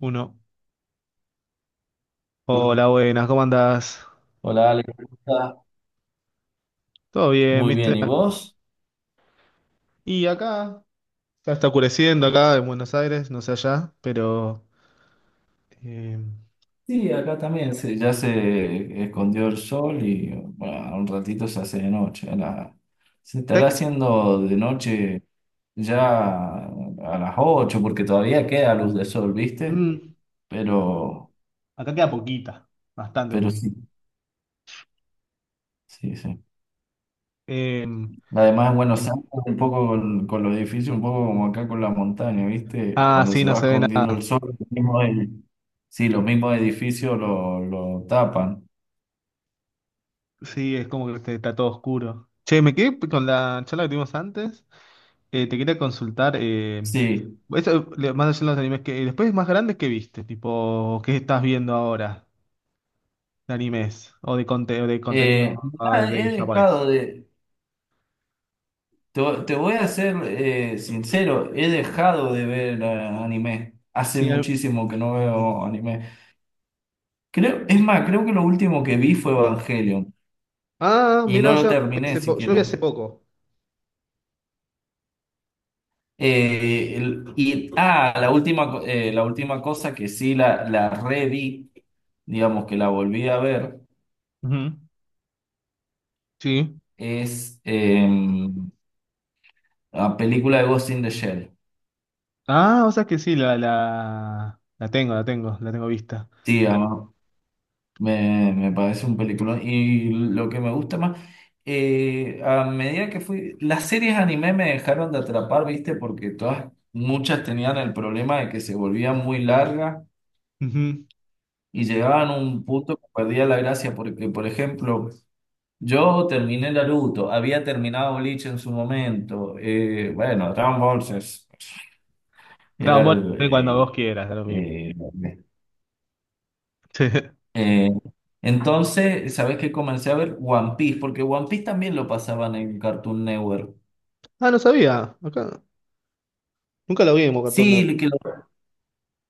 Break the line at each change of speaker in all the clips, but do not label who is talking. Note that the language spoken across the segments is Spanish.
Uno. Hola, buenas, ¿cómo andás?
Hola, Ale, ¿cómo estás?
Todo bien,
Muy
¿viste?
bien, ¿y vos?
Y acá, ya está oscureciendo acá en Buenos Aires, no sé allá, pero... eh,
Sí, acá también ya se escondió el sol y bueno, un ratito se hace de noche. Se estará
¿sabés
haciendo de noche ya a las 8 porque todavía queda luz de sol,
qué?
¿viste?
Mm,
Pero,
acá queda poquita, bastante
pero
poquita.
sí, sí, sí.
Eh,
Además, bueno, Buenos Aires, un poco con los edificios, un poco como acá con la montaña, ¿viste?
ah,
Cuando
sí,
se
no
va
se ve nada.
escondiendo el sol, sí, los mismos edificios lo tapan.
Sí, es como que este, está todo oscuro. Che, me quedé con la charla que tuvimos antes. Te quería consultar,
Sí.
eso, más allá de los animes, que, después más grandes que viste, tipo, ¿qué estás viendo ahora? De animes o de, o de
Eh,
contenido
Nada, he
de japonés.
dejado de. Te, voy a ser sincero, he dejado de ver anime. Hace
Sí, al-
muchísimo que no veo anime. Creo, es
sí.
más, creo que lo último que vi fue Evangelion
Ah,
y no
mira,
lo terminé
yo lo vi
siquiera.
hace poco.
La última, la última cosa que sí la reví, digamos que la volví a ver,
Ujú. Sí.
es la película de Ghost in the Shell.
Ah, o sea que sí, la tengo, la tengo vista.
Sí. Me parece un peliculón. Y lo que me gusta más, a medida que fui, las series anime me dejaron de atrapar, ¿viste? Porque todas, muchas tenían el problema de que se volvían muy largas
Ujú.
y llegaban a un punto que perdía la gracia. Porque, por ejemplo, yo terminé Naruto, había terminado Bleach en su momento. Bueno, Dragon Ball
Dragon
era
Ball,
el,
ve cuando
eh,
vos quieras, da lo mismo.
eh, Eh, entonces, ¿sabes qué? Comencé a ver One Piece, porque One Piece también lo pasaban en Cartoon Network.
Ah, no sabía. Acá. Nunca lo vi en Cartoon Network.
Sí, que lo,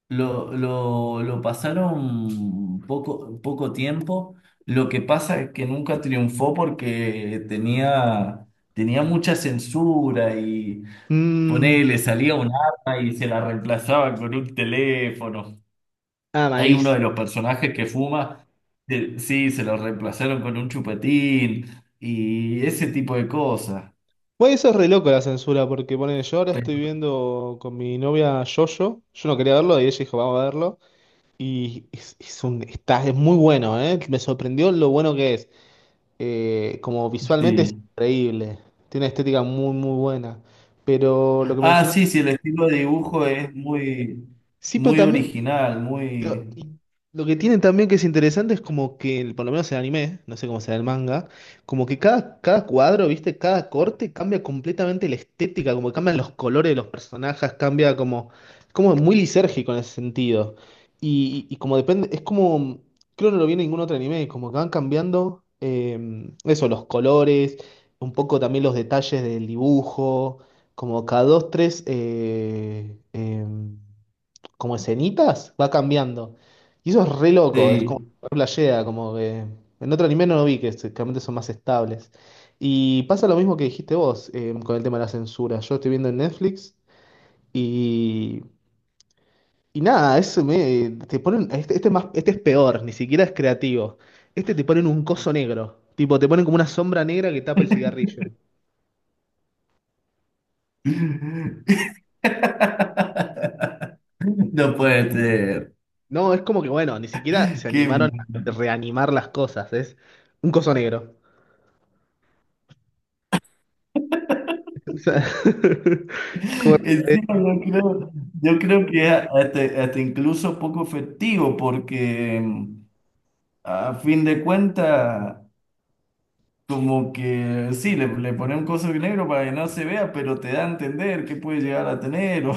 lo, lo, lo pasaron poco tiempo. Lo que pasa es que nunca triunfó porque tenía mucha censura y
Mm,
ponele, salía un arma y se la reemplazaba con un teléfono.
ah,
Hay uno
malís.
de los personajes que fuma, que sí, se lo reemplazaron con un chupetín y ese tipo de cosas.
Bueno, eso es re loco la censura, porque pone, yo ahora estoy
Pero
viendo con mi novia Yoyo. Yo no quería verlo y ella dijo, vamos a verlo. Y es un, está, es muy bueno, ¿eh? Me sorprendió lo bueno que es. Como visualmente es
sí.
increíble. Tiene una estética muy, muy buena. Pero lo que
Ah,
mencionaba.
sí, sí, el estilo de dibujo es muy,
Sí, pero
muy
también.
original,
Lo,
muy.
y lo que tienen también que es interesante es como que, por lo menos el anime, no sé cómo será el manga, como que cada cuadro, ¿viste? Cada corte cambia completamente la estética, como que cambian los colores de los personajes, cambia como, es como muy lisérgico en ese sentido. Y como depende, es como, creo que no lo vi en ningún otro anime, como que van cambiando eso, los colores, un poco también los detalles del dibujo, como cada dos, tres, como escenitas, va cambiando. Y eso es re loco, es como
Sí.
re playera, como que en otro anime no lo vi, que realmente son más estables. Y pasa lo mismo que dijiste vos con el tema de la censura. Yo estoy viendo en Netflix y, y nada, eso me, te ponen, este es más, este es peor, ni siquiera es creativo. Este te ponen un coso negro, tipo te ponen como una sombra negra que tapa el cigarrillo.
No puede ser.
No, es como que bueno, ni siquiera se
Qué
animaron
mal.
a reanimar las cosas, es un coso negro. O sea, como- eh,
Encima yo creo que hasta incluso poco efectivo porque a fin de cuentas, como que sí, le ponen cosas negro para que no se vea, pero te da a entender qué puede llegar a tener.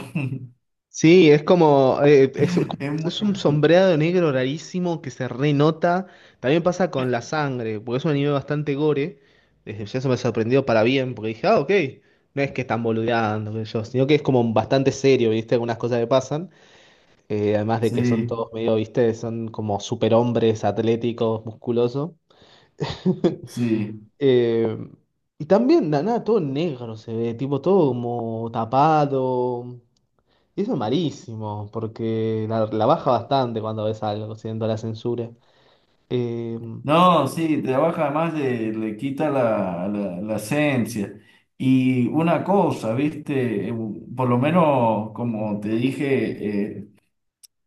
sí,
es muy-
es un sombreado negro rarísimo que se renota. También pasa con la sangre, porque es un anime bastante gore. Desde ya eso me sorprendió para bien, porque dije, ah, ok, no es que están boludeando, qué sé yo, sino que es como bastante serio, ¿viste? Algunas cosas que pasan. Además de que son todos
Sí,
medio, ¿viste? Son como superhombres atléticos, musculosos.
sí.
Eh, y también, nada, todo negro se ve, tipo todo como tapado. Y eso es malísimo, porque la baja bastante cuando ves algo, siendo la censura. Eh,
No, sí, trabaja además, le quita la esencia. Y una cosa, viste. Por lo menos como te dije,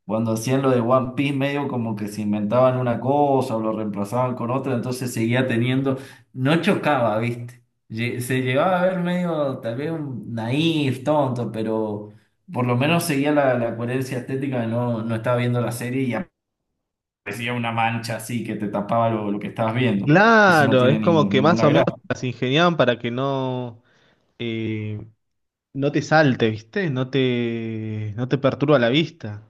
cuando hacían lo de One Piece, medio como que se inventaban una cosa o lo reemplazaban con otra, entonces seguía teniendo, no chocaba, ¿viste? Se llevaba a ver medio, tal vez un naif, tonto, pero por lo menos seguía la coherencia estética, no, no estaba viendo la serie y aparecía una mancha así que te tapaba lo que estabas viendo, que eso no
Claro, es
tiene
como que más
ninguna
o menos
gracia,
las ingeniaban para que no, eh, no te salte, ¿viste? No te perturba la vista.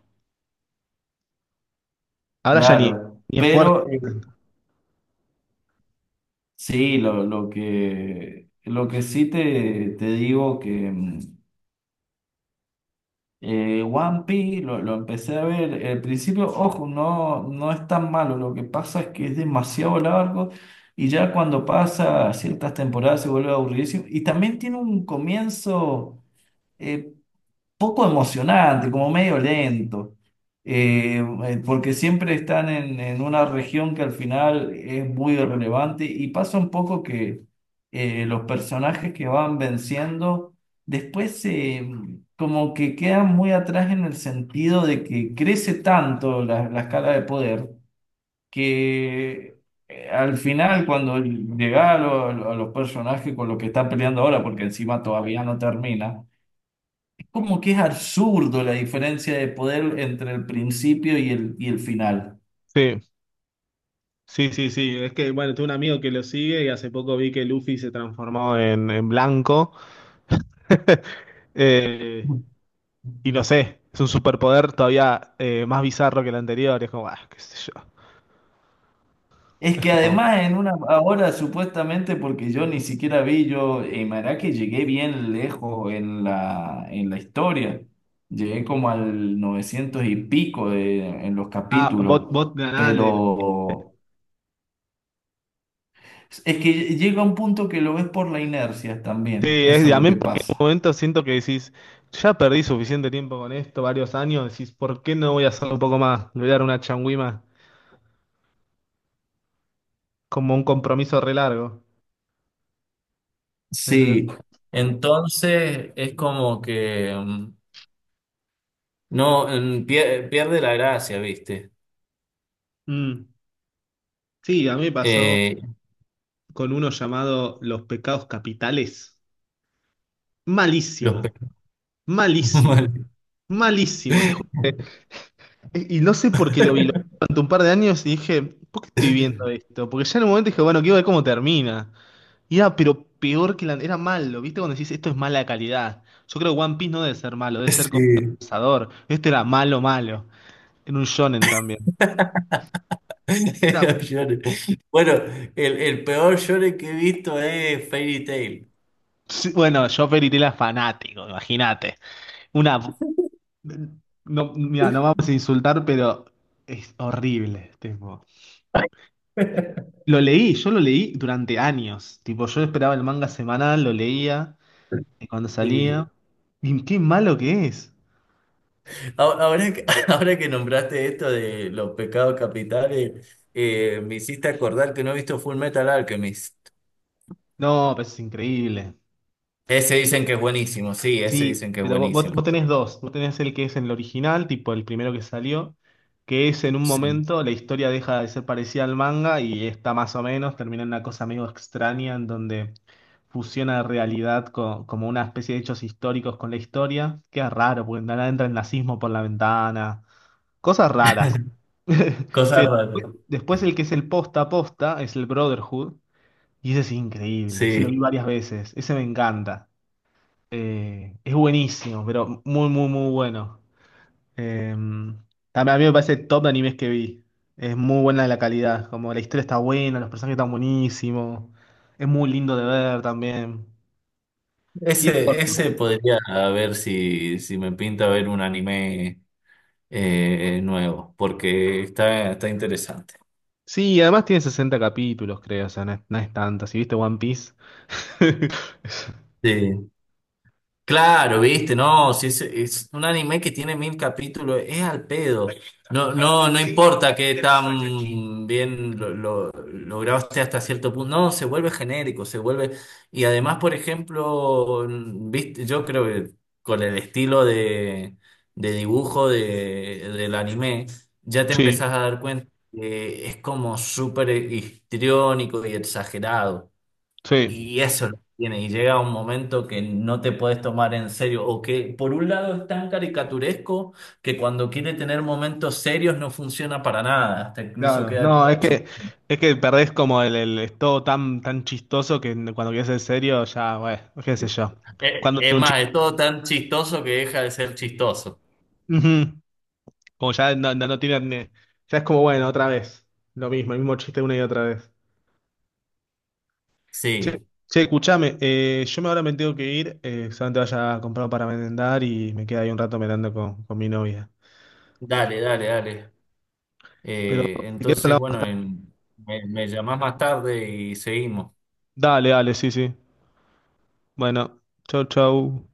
Ahora ya ni,
claro,
ni esfuerzo.
pero sí, lo que sí te digo que. One Piece lo empecé a ver. Al principio, ojo, no, no es tan malo. Lo que pasa es que es demasiado largo y ya cuando pasa ciertas temporadas se vuelve aburridísimo. Y también tiene un comienzo, eh, poco emocionante, como medio lento. Porque siempre están en una región que al final es muy relevante y pasa un poco que los personajes que van venciendo después como que quedan muy atrás en el sentido de que crece tanto la escala de poder que. Al final, cuando llega a, a los personajes con los que está peleando ahora, porque encima todavía no termina, como que es absurdo la diferencia de poder entre el principio y el final.
Sí, sí, sí. Es que, bueno, tengo un amigo que lo sigue y hace poco vi que Luffy se transformó en blanco. eh, y no sé, es un superpoder todavía más bizarro que el anterior. Es como, ah, qué sé
Es que
yo.
además en una ahora supuestamente, porque yo ni siquiera vi yo en que llegué bien lejos en la historia. Llegué como al 900 y pico en los
Ah,
capítulos,
vos ganás.
pero es que llega un punto que lo ves por la inercia
Sí,
también,
es,
eso
y
es
a
lo
mí
que
porque en un
pasa.
momento siento que decís, ya perdí suficiente tiempo con esto, varios años, decís, ¿por qué no voy a hacerlo un poco más? Le voy a dar una changüima, como un compromiso re largo. En ese sentido.
Sí, entonces es como que no, pierde la gracia, ¿viste?
Mm. Sí, a mí me pasó
Eh,
con uno llamado Los pecados capitales.
los pe-
Malísimo, malísimo, malísimo, te juro. Y no sé por qué lo vi durante un par de años y dije, ¿por qué estoy viendo esto? Porque ya en un momento dije, bueno, quiero ver cómo termina. Y era, pero peor que la... Era malo, ¿viste? Cuando decís, esto es mala calidad. Yo creo que One Piece no debe ser malo, debe ser
Sí.
compensador. Este era malo, malo. Era un shonen también. Era...
Los Bueno, el peor shonen que he visto es Fairy Tail.
Sí, bueno, yo Fairy Tail era fanático, imagínate. Una... No, mira, no vamos a insultar, pero es horrible, tipo. Lo leí, yo lo leí durante años. Tipo, yo esperaba el manga semanal, lo leía cuando
Sí.
salía. Y qué malo que es.
Ahora que, ahora que nombraste esto de los pecados capitales, me hiciste acordar que no he visto Full Metal Alchemist.
No, pero es increíble.
Ese dicen que es buenísimo, sí, ese
Sí,
dicen que es
pero
buenísimo.
vos tenés dos. Vos tenés el que es en el original, tipo el primero que salió, que es en un
Sí.
momento la historia deja de ser parecida al manga y está más o menos, termina en una cosa medio extraña en donde fusiona realidad como una especie de hechos históricos con la historia. Queda raro, porque nada entra el nazismo por la ventana. Cosas raras.
Cosas
Pero
raras.
después el que es el posta a posta es el Brotherhood, y ese es increíble. Ese lo vi
Sí.
varias veces. Ese me encanta. Es buenísimo, pero muy, muy, muy bueno. Eh, también a mí me parece top de animes que vi. Es muy buena la calidad, como la historia está buena, los personajes están buenísimos. Es muy lindo de ver también. Y
Ese podría a ver si, si me pinta ver un anime nuevo, porque está interesante.
sí, además tiene 60 capítulos, creo, o sea, no es, no es tanto. Si viste One Piece.
Sí. Claro, viste, no, si es un anime que tiene 1.000 capítulos, es al pedo. No, no, no importa que tan bien lo grabaste hasta cierto punto. No, se vuelve genérico, se vuelve. Y además, por ejemplo, viste, yo creo que con el estilo de dibujo de, del anime, ya te
Sí,
empezás a dar cuenta que es como súper histriónico y exagerado.
sí.
Y eso es lo que tiene, y llega un momento que no te puedes tomar en serio, o que por un lado es tan caricaturesco que cuando quiere tener momentos serios no funciona para nada, hasta incluso
Claro, no,
queda
es que perdés como es todo tan tan chistoso que cuando quieres ser serio ya, bueno, qué sé yo. Cuando
Es
tiene un
más, es todo tan chistoso que deja de ser chistoso.
chiste. Como ya no tiran, ya es como, bueno, otra vez. Lo mismo, el mismo chiste una y otra vez. Che,
Sí,
che, escuchame, yo me ahora me tengo que ir, solamente vaya a comprar para merendar y me queda ahí un rato merendando con mi novia.
dale, dale, dale.
Pero
Eh,
si quieres
entonces,
hablamos más
bueno,
tarde.
en- me llamás más tarde y seguimos.
Dale, dale, sí, sí. Bueno, chau, chau.